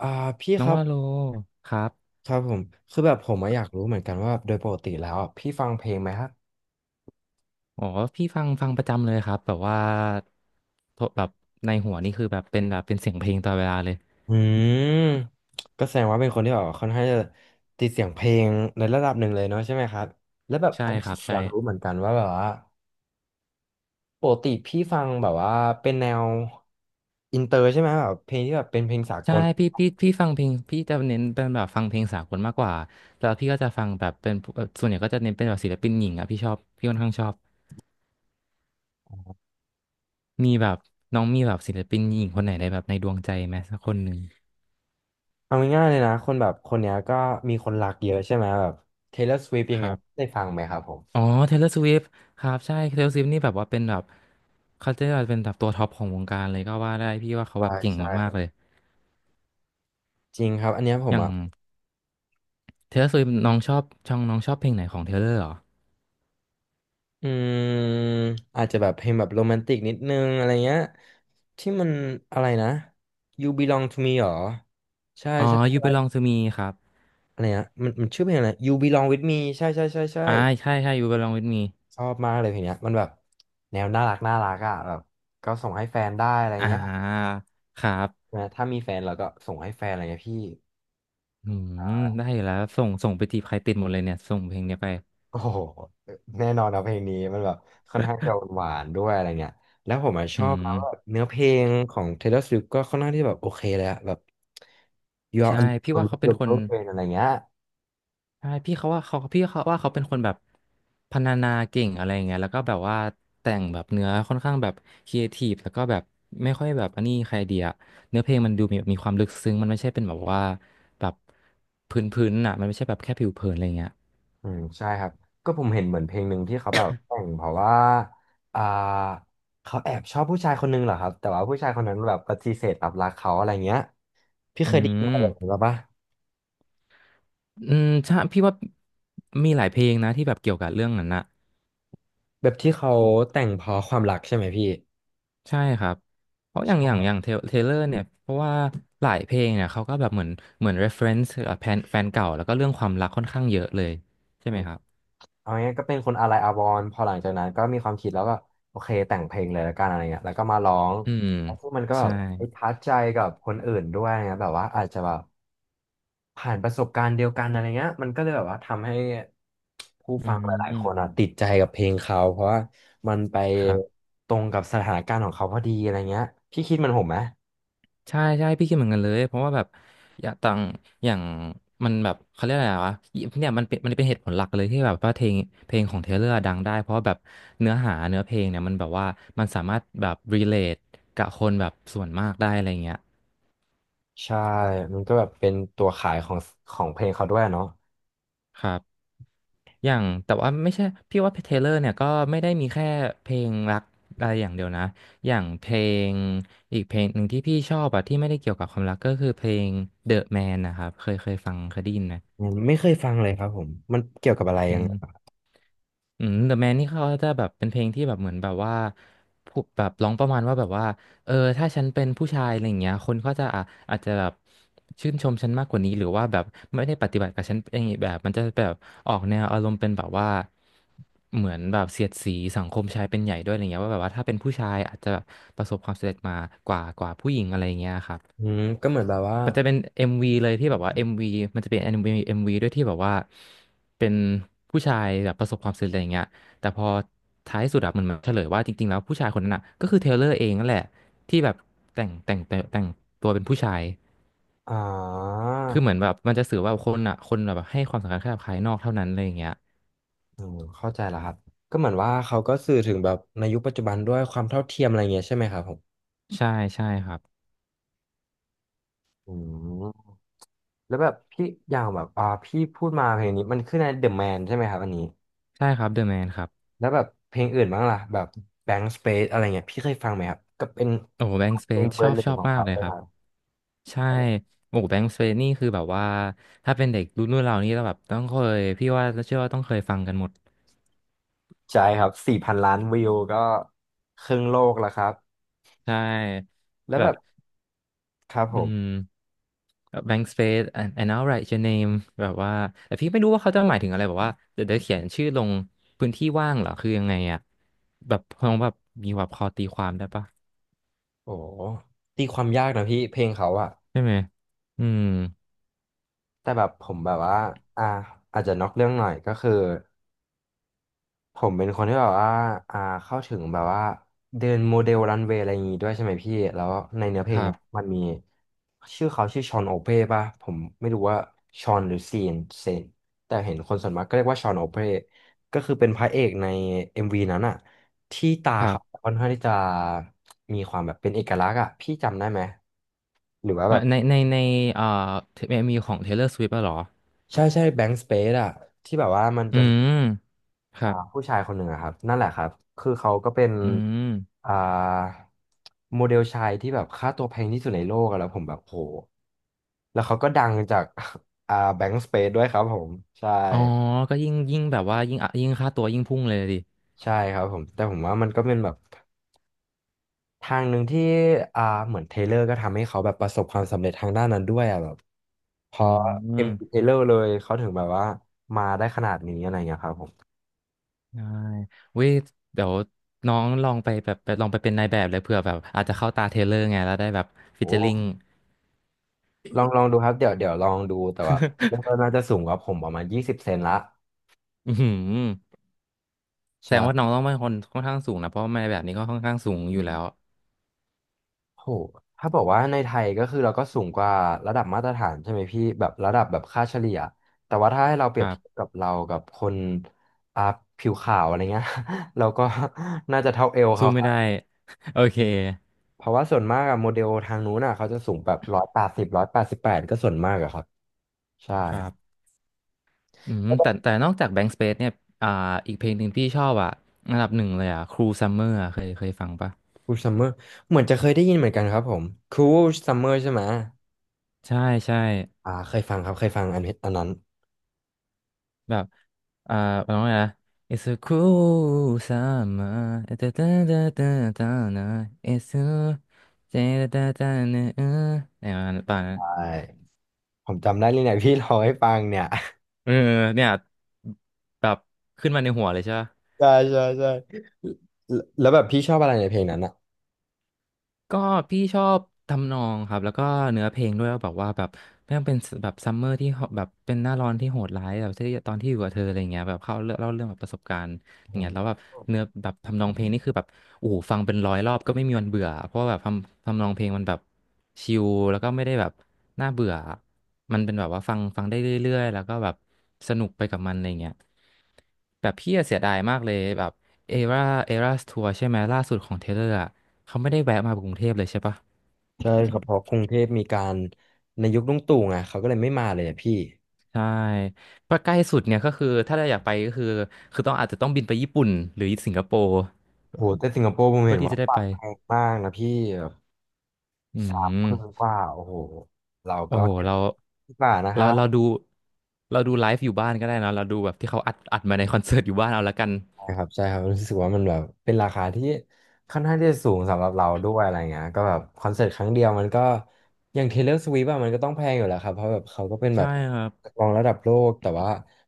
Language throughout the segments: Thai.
อ่าพี่น้อคงรับว่าโลครับครับผมคือแบบผมอะอยากรู้เหมือนกันว่าโดยปกติแล้วอะพี่ฟังเพลงไหมครับอ๋อพี่ฟังประจำเลยครับแบบว่าโทรแบบในหัวนี่คือแบบเป็นแบบเป็นเสียงเพลงตลอดเวลาเลยอืมก็แสดงว่าเป็นคนที่แบบค่อนข้างจะติดเสียงเพลงในระดับหนึ่งเลยเนาะใช่ไหมครับแล้วแบบใช่อันนี้ครับผมอใช่ยากรู้เหมือนกันว่าแบบว่าปกติพี่ฟังแบบว่าเป็นแนวอินเตอร์ใช่ไหมแบบเพลงที่แบบเป็นเพลงสากใช่ลพี่ฟังเพลงพี่จะเน้นเป็นแบบฟังเพลงสากลมากกว่าแล้วพี่ก็จะฟังแบบเป็นพวกส่วนใหญ่ก็จะเน้นเป็นแบบศิลปินหญิงอ่ะพี่ชอบพี่ค่อนข้างชอบมีแบบน้องมีแบบศิลปินหญิงคนไหนในแบบในดวงใจไหมสักคนหนึ่งเอาง่ายๆเลยนะคนแบบคนเนี้ยก็มีคนรักเยอะใช่ไหมแบบ Taylor Swift อย่าคงเงี้รัยบ ได้ฟังไหมครับผมอ๋อ Taylor Swift ครับใช่ Taylor Swift นี่แบบว่าเป็นแบบเขาจะเป็นแบบตัวท็อปของวงการเลยก็ว่าได้พี่ว่าเขาแบใช่บเก่งใช่มาคกรัๆบเลยจริงครับอันเนี้ยผอมย่าง อ่ะ Taylor Swift น้องชอบช่องน้องชอบเพลงไหนของ Taylor เหรออืมอาจจะแบบเพลงแบบโรแมนติกนิดนึงอะไรเงี้ยที่มันอะไรนะ You Belong to Me หรอใช่อ๋อ ใช่ You Belong ใช่ to Me ครับอะไรนะมันมันชื่อเพลงอะไร You Belong with Me ใช่ใช่ใช่ใช่อ่าใช่ใช่ You Belong with Me ชอบมากเลยเพลงเนี้ยมันแบบแนวน่ารักน่ารักอ่ะแบบก็ส่งให้แฟนได้อะไรอ่เงี้ยาครับนะถ้ามีแฟนเราก็ส่งให้แฟนอะไรเงี้ยพี่ อืมได้อยู่แล้วส่งส่งไปจีบใครติดหมดเลยเนี่ยส่งเพลงเนี้ยไปโอ้โหแน่นอนนะเพลงนี้มันแบบค่อนข้างจะหวานๆด้วยอะไรเงี้ยแล้วผมอะชออืบมนะว่าเนื้อเพลงของ Taylor Swift ก็ค่อนข้างที่แบบโอเคเลยอะแบบ You are ใช่พี่ว่าเขาเป็นคน unbelievable อะไรเงี้ยใช่พี่เขาว่าเขาพี่เขาว่าเขาเป็นคนแบบพรรณนาเก่งอะไรอย่างเงี้ยแล้วก็แบบว่าแต่งแบบเนื้อค่อนข้างแบบครีเอทีฟแล้วก็แบบไม่ค่อยแบบอันนี้ใครเดียเนื้อเพลงมันดูมีความลึกซึ้งมันไม่ใช่เป็นแบบว่าแบบพื้นๆน่ะมันไม่ใช่แบบแค่ผิวเผินอะไรเงี้ยอืมใช่ครับก็ผมเห็นเหมือนเพลงหนึ่งที่เขาแบบแต่งเพราะว่าอ่าเขาแอบชอบผู้ชายคนหนึงเหรอครับแต่ว่าผู้ชายคนนั้นแบบปฏิเสธรับรักเขาอะไรเงี้ยพี่อืเคยได้ยินอะมไรแบบนี้ปะอืมใช่พี่ว่ามีหลายเพลงนะที่แบบเกี่ยวกับเรื่องนั้นนะ แบบที่เขาแต่งเพราะความรักใช่ไหมพี่ใช่ครับ เพราะอย่างใช่ อย่างอย่างเทเลอร์เนี่ยเพราะว่าหลายเพลงเนี่ยเขาก็แบบเหมือนเหมือน reference กับแฟนเก่าแล้วก็เรื่องความรักค่อนข้างเยอะเลยใช่ไหมครับเอางี้ก็เป็นคนอะไรอาวรณ์พอหลังจากนั้นก็มีความคิดแล้วก็โอเคแต่งเพลงเลยแล้วกันอะไรเงี้ยแล้วก็มาร้องอืมแล้วพวกมันก็แบใช่บไปทัชใจกับคนอื่นด้วยนะแบบว่าอาจจะแบบผ่านประสบการณ์เดียวกันอะไรเงี้ยมันก็เลยแบบว่าทำให้ผู้อืฟังหลายๆคนอ่ะมติดใจกับเพลงเขาเพราะว่ามันไปครับตรงกับสถานการณ์ของเขาพอดีอะไรเงี้ยพี่คิดเหมันผมไหมใช่ใช่พี่คิดเหมือนกันเลยเพราะว่าแบบอย่างต่างอย่างมันแบบเขาเรียกอะไรวะเนี่ยมันเป็นมันเป็นเหตุผลหลักเลยที่แบบว่าเพลงเพลงของเทเลอร์ดังได้เพราะว่าแบบเนื้อหาเนื้อเพลงเนี่ยมันแบบว่ามันสามารถแบบ relate กับคนแบบส่วนมากได้อะไรเงี้ยใช่มันก็แบบเป็นตัวขายของของเพลงเขาด้วยเนาะครับ อย่างแต่ว่าไม่ใช่พี่ว่าเทเลอร์เนี่ยก็ไม่ได้มีแค่เพลงรักอะไรอย่างเดียวนะอย่างเพลงอีกเพลงหนึ่งที่พี่ชอบอะที่ไม่ได้เกี่ยวกับความรักก็คือเพลง The Man นะครับเคยฟังเคยได้ยินไหมอืมไม่เคยฟังเลยครับผมมันเกี่ยวกับอะไรอืยังม ไงอืม The Man นี่เขาจะแบบเป็นเพลงที่แบบเหมือนแบบว่าพูดแบบร้องประมาณว่าแบบว่าเออถ้าฉันเป็นผู้ชายอะไรอย่างเงี้ยคนก็จะอ่ะอาจจะแบบชื่นชมฉันมากกว่านี้หรือว่าแบบไม่ได้ปฏิบัติกับฉันอย่างงี้แบบมันจะแบบออกแนวอารมณ์เป็นแบบว่าเหมือนแบบเสียดสีสังคมชายเป็นใหญ่ด้วยอะไรเงี้ยว่าแบบว่าถ้าเป็นผู้ชายอาจจะประสบความสำเร็จมากว่ากว่าผู้หญิงอะไรอย่างเงี้ยครับ อืมก็เหมือนแบบว่า มันจะเป็น MV เลยที่แบบว่าเอ็มวีมันจะเป็น MV วีเอ็มวีด้วยที่แบบว่าเป็นผู้ชายแบบประสบความสำเร็จอะไรอย่างเงี้ยแต่พอท้ายสุดอะมันมาเฉลยว่าจริงๆแล้วผู้ชายคนนั้นอะก็คือเทย์เลอร์เองนั่นแหละที่แบบแต่งตัวเป็นผู้ชายอ่าคือเหมือนแบบมันจะสื่อว่าคนอะคนแบบให้ความสำคัญแค่กับภายนอกเท่านั้นอะไรอย่างเงี้ยเข้าใจแล้วครับก็เหมือนว่าเขาก็สื่อถึงแบบในยุคปัจจุบันด้วยความเท่าเทียมอะไรเงี้ยใช่ไหมครับผมใช่ใช่ครับอืมแล้วแบบพี่อย่างแบบพี่พูดมาเพลงนี้มันขึ้นในเดอ m แมนใช่ไหมครับอันนี้ใช่ครับเดอะแมนครับแล้วแบบเพลงอื่นบ้างล่ะแบบแบง k ์สเปซอะไรเงี้ยพี่เคยฟังไหมครับก็เป็นโอ้แบงค์สเปเพลงซเบชออร์บหนึ่งชอบของมากเขาเลเลยยครัคบ รับใช่ โอ้แบงค์สเฟนี่คือแบบว่า ถ้าเป็นเด็กรุ่นเรานี่เราแบบต้องเคยพี่ว่าเชื่อว่าต้องเคยฟังกันหมด ใช่ครับ4 พันล้านวิวก็ครึ่งโลกแล้วครับใช่ แล้วแบแบบ บครับผอืมม แบงค์สเปซ and I'll write your name แบบว่า แต่พี่ไม่รู้ว่าเขาจะหมายถึงอะไร แบบว่า เดี๋ยวเขียนชื่อลงพื้นที่ว่างเหรอ คือยังไงอะแบบคงแบบมีแบบพอตีความได้ปะโอ้ตีความยากนะพี่เพลงเขาอะ ใช่ไหม อืม แต่แบบผมแบบว่าอ่า อาจจะนอกเรื่องหน่อยก็คือผมเป็นคนที่แบบว่าอ่าเข้าถึงแบบว่าเดินโมเดลรันเวย์อะไรอย่างงี้ด้วยใช่ไหมพี่ แล้วในเนื้อเพคลงรัเนี่ยบ มันมีชื่อเขาชื่อชอนโอเป้ป่ะผมไม่รู้ว่าชอนหรือซีนเซนแต่เห็นคนส่วนมากก็เรียกว่าชอนโอเป้ก็คือเป็นพระเอกใน MV นั้นอะที่ตาครัเขาบค่อนข้างที่จะมีความแบบเป็นเอกลักษณ์อะพี่จำได้ไหมหรือว่าในแบบในในเอ่อเอ็มวีของ Taylor Swift อะเหรอใช่ใช่แบงค์สเปซอะที่แบบว่ามันอืจะ มครับผู้ชายคนหนึ่งอะครับนั่นแหละครับคือเขาก็เป็นอืม อ่าโมเดลชายที่แบบค่าตัวแพงที่สุดในโลกอะแล้วผมแบบโหแล้วเขาก็ดังจาก แบงก์สเปซด้วยครับผมใช่อ๋อก็ยิ่งแบบว่ายิ่งอ่ะยิ่งค่าตัวยิ่งพุ่งเลยดิ ใช่ครับผมแต่ผมว่ามันก็เป็นแบบทางหนึ่งที่อ่าเหมือนเทเลอร์ก็ทำให้เขาแบบประสบความสำเร็จทางด้านนั้นด้วยอะแบบพอือเอ็มมเทเลอร์เลยเขาถึงแบบว่ามาได้ขนาดนี้อะไรเงี้ยครับผมได้เว้ยเดี๋ยวน้องลองไปแบบไปลองไปเป็นนายแบบเลยเผื่อแบบอาจจะเข้าตาเทเลอร์ไงแล้วได้แบบฟิชเจ โอ้ อริง ลองลองดูครับเดี๋ยวเดี๋ยวลองดูแต่ว่ามัตน น่าจะสูงกว่าผมประมาณ20เซนละอือหือแสดงว่าน้องใช่ต้องเป็นคนค่อนข้างสูงนะเพราะว่านายแบบนี้ก็ค่อนข้างสูงอยู่แล้ว โหถ้าบอกว่าในไทยก็คือเราก็สูงกว่าระดับมาตรฐานใช่ไหมพี่แบบระดับแบบค่าเฉลี่ยแต่ว่าถ้าให้เราเปครียบรัเทียบบกับเรากับคนอ่าผิวขาวอะไรเงี้ย เราก็ น่าจะเท่าเอวสู้เขาคไม่รับได้ โอเค เพราะว่าส่วนมากอะโมเดลทางนู้นอะเขาจะสูงแบบร้อยแปดสิบ188ก็ส่วนมากอะครับใช่คครัรับบอืมแต่นอกจาก Bank Space เนี่ยอ่าอีกเพลงหนึ่งพี่ชอบอ่ะอันดับหนึ่งเลยอ่ะ Cruel Summer อะเคยฟังปะูซัมเมอร์เหมือนจะเคยได้ยินเหมือนกันครับผมคูซัมเมอร์ใช่ไหม ใช่ใช่ เคยฟังครับเคยฟังอันนี้อันนั้นแบบ อ่าร้องไงนะ It's a cool summer ตาตาตาตาตานะ It's a ตาตาตานะเออเนี่ยมันป่ะนะใช่ผมจำได้เลยเนี่ยพี่ร้องให้ฟังเนี่ยเออเนี่ย แบบ ขึ้นมาในหัวเลยใช่ปะ ใช่ใช่ใช่แล้วแบบพี่ชอบอะไรในเพลงนั้นอ่ะก็พี่ชอบทำนองครับแล้วก็เนื้อเพลงด้วยว่าแบบว่าแบบไม่ต้องเป็นแบบซัมเมอร์ที่แบบเป็นหน้าร้อนที่โหดร้ายแบบที่ตอนที่อยู่กับเธออะไรเงี้ยแบบเข้าเล่าเรื่องแบบประสบการณ์อย่าอ๋งอเงี้ยแล้วแบบเนื้อแบบทำนองเพลงนี่คือแบบโอ้โหฟังเป็นร้อยรอบก็ไม่มีวันเบื่อเพราะว่าแบบทำนองเพลงมันแบบชิลแล้วก็ไม่ได้แบบน่าเบื่อมันเป็นแบบว่าฟังได้เรื่อยๆแล้วก็แบบสนุกไปกับมันอะไรเงี้ยแบบพี่อะเสียดายมากเลยแบบเอราเอราทัวร์ใช่ไหมล่าสุดของเทเลอร์ เขาไม่ได้แวะมากรุงเทพเลยใช่ปะใช่ครับเพราะกรุงเทพมีการในยุคลุงตู่ไงเขาก็เลยไม่มาเลยอะพี่ใช่ก็ใกล้สุดเนี่ยก็คือถ้าเราอยากไปก็คือต้องอาจจะต้องบินไปญี่ปุ่นหรือสิงคโปร์โหแต่สิงคโปร์ผมเพื่เห็อนที่ว่าจะได้บัไปตรแพงมากนะพี่อื3,000มกว่าโอ้โหเราโอ้ก็โหเก็บเราดีกว่านะคเรารัเราบ ดูเราดูไลฟ์อยู่บ้านก็ได้นะเราดูแบบที่เขาอัดมาในคอนเสิร์ตอยู่บ้านเอาละกันนะครับใช่ครับรู้สึกว่ามันแบบเป็นราคาที่ค่อนข้างที่จะสูงสำหรับเราด้วยอะไรเงี้ยก็แบบคอนเสิร์ตครั้งเดียวมันก็อย่าง Taylor Swift อะมันก็ต้องแพงอยู่แล้วครับเพราะแบบเขาก็เป็นแบใช่บครับนักร้องระดับโลกแต่ว่า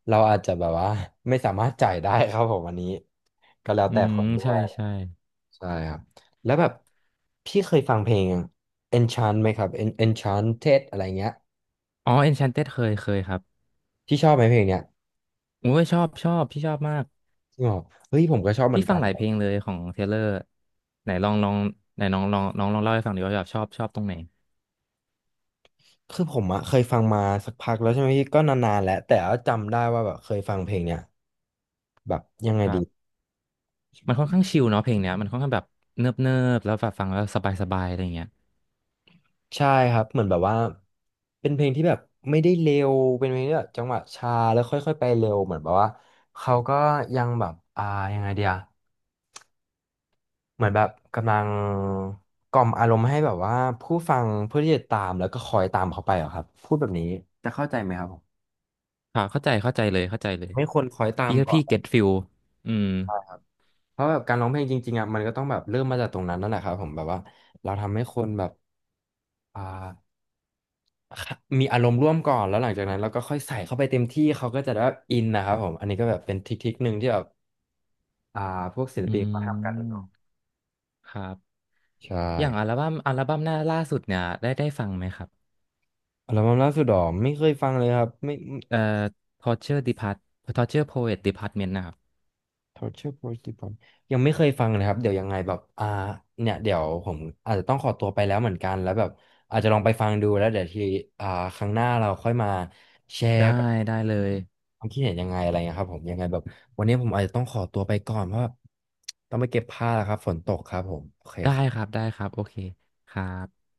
เราอาจจะแบบว่า ไม่สามารถจ่ายได้ครับผมอันนี้ก็แล้วอืแต่คมนด้วใช่ยใช่ใช่ครับแล้วแบบพี่เคยฟังเพลง Enchant ไหมครับ Enchanted อะไรเงี้ยอ๋อ Enchanted เคยครับที่ชอบไหมเพลงเนี้ยโอ้ยชอบพี่ชอบมากที่บอกเฮ้ยผมก็ชอบเหมืพี่อนฟักังน หลายเพลงเลยของเทเลอร์ไหนลองไหนน้องลองเล่าให้ฟังดีว่าแบบชอบตรงไหนคือผมอะเคยฟังมาสักพักแล้วใช่ไหมพี่ก็นานๆแล้วแต่ว่าจำได้ว่าแบบเคยฟังเพลงเนี่ยแบบยังไงคดีรับ มันค่อนข้างชิลเนาะเพลงเนี้ยมันค่อนข้างแบบเนิบแล้วแบบฟังแล้วสบายสบายอะไรเงี้ยใช่ครับเหมือนแบบว่าเป็นเพลงที่แบบไม่ได้เร็วเป็นเพลงที่แบบจังหวะช้าแล้วค่อยๆไปเร็วเหมือนแบบว่าเขาก็ยังแบบยังไงเดียเหมือนแบบกำลังกล่อมอารมณ์ให้แบบว่าผู้ฟังเพื่อที่จะตามแล้วก็คอยตามเขาไปเหรอครับพูดแบบนี้จะเข้าใจไหมครับผมค่ะเข้าใจเลยเข้าใจเลยไม่ควรคอยตามพี่ก็ก่อพี่นเก็ตฟิลอืมเพราะแบบการร้องเพลงจริงๆอ่ะมันก็ต้องแบบเริ่มมาจากตรงนั้นนั่นแหละครับผมแบบว่าเราทำให้คนแบบ อ่ามีอารมณ์ร่วมก่อนแล้วหลังจากนั้นเราก็ค่อยใส่เข้าไปเต็มที่เขาก็จะได้อินนะครับผมอันนี้ก็แบบเป็นทริคๆหนึ่งที่แบบอ่าพวกศิลอืปินเขาทำกันเนาะมครับใช่อย่างอัลบั้มหน้าล่าสุดเนี่ยได้ฟังไหมครับอัลบั้มล่าสุดหรอไม่เคยฟังเลยครับไม่ เอ่อ Torture Depart Torture Poet Department นะครับ Torture Porcupine ยังไม่เคยฟังเลยครับเดี๋ยวยังไงแบบเนี่ยเดี๋ยวผมอาจจะต้องขอตัวไปแล้วเหมือนกันแล้วแบบอาจจะลองไปฟังดูแล้วเดี๋ยวทีอ่าครั้งหน้าเราค่อยมาแชร์ ได้ได้เลยความคิดเห็นยังไงอะไรเงี้ยครับผมยังไงแบบวันนี้ผมอาจจะต้องขอตัวไปก่อนเพราะว่าต้องไปเก็บผ้าแล้วครับฝนตกครับผมโอเคครับได้ครับโอเคครับ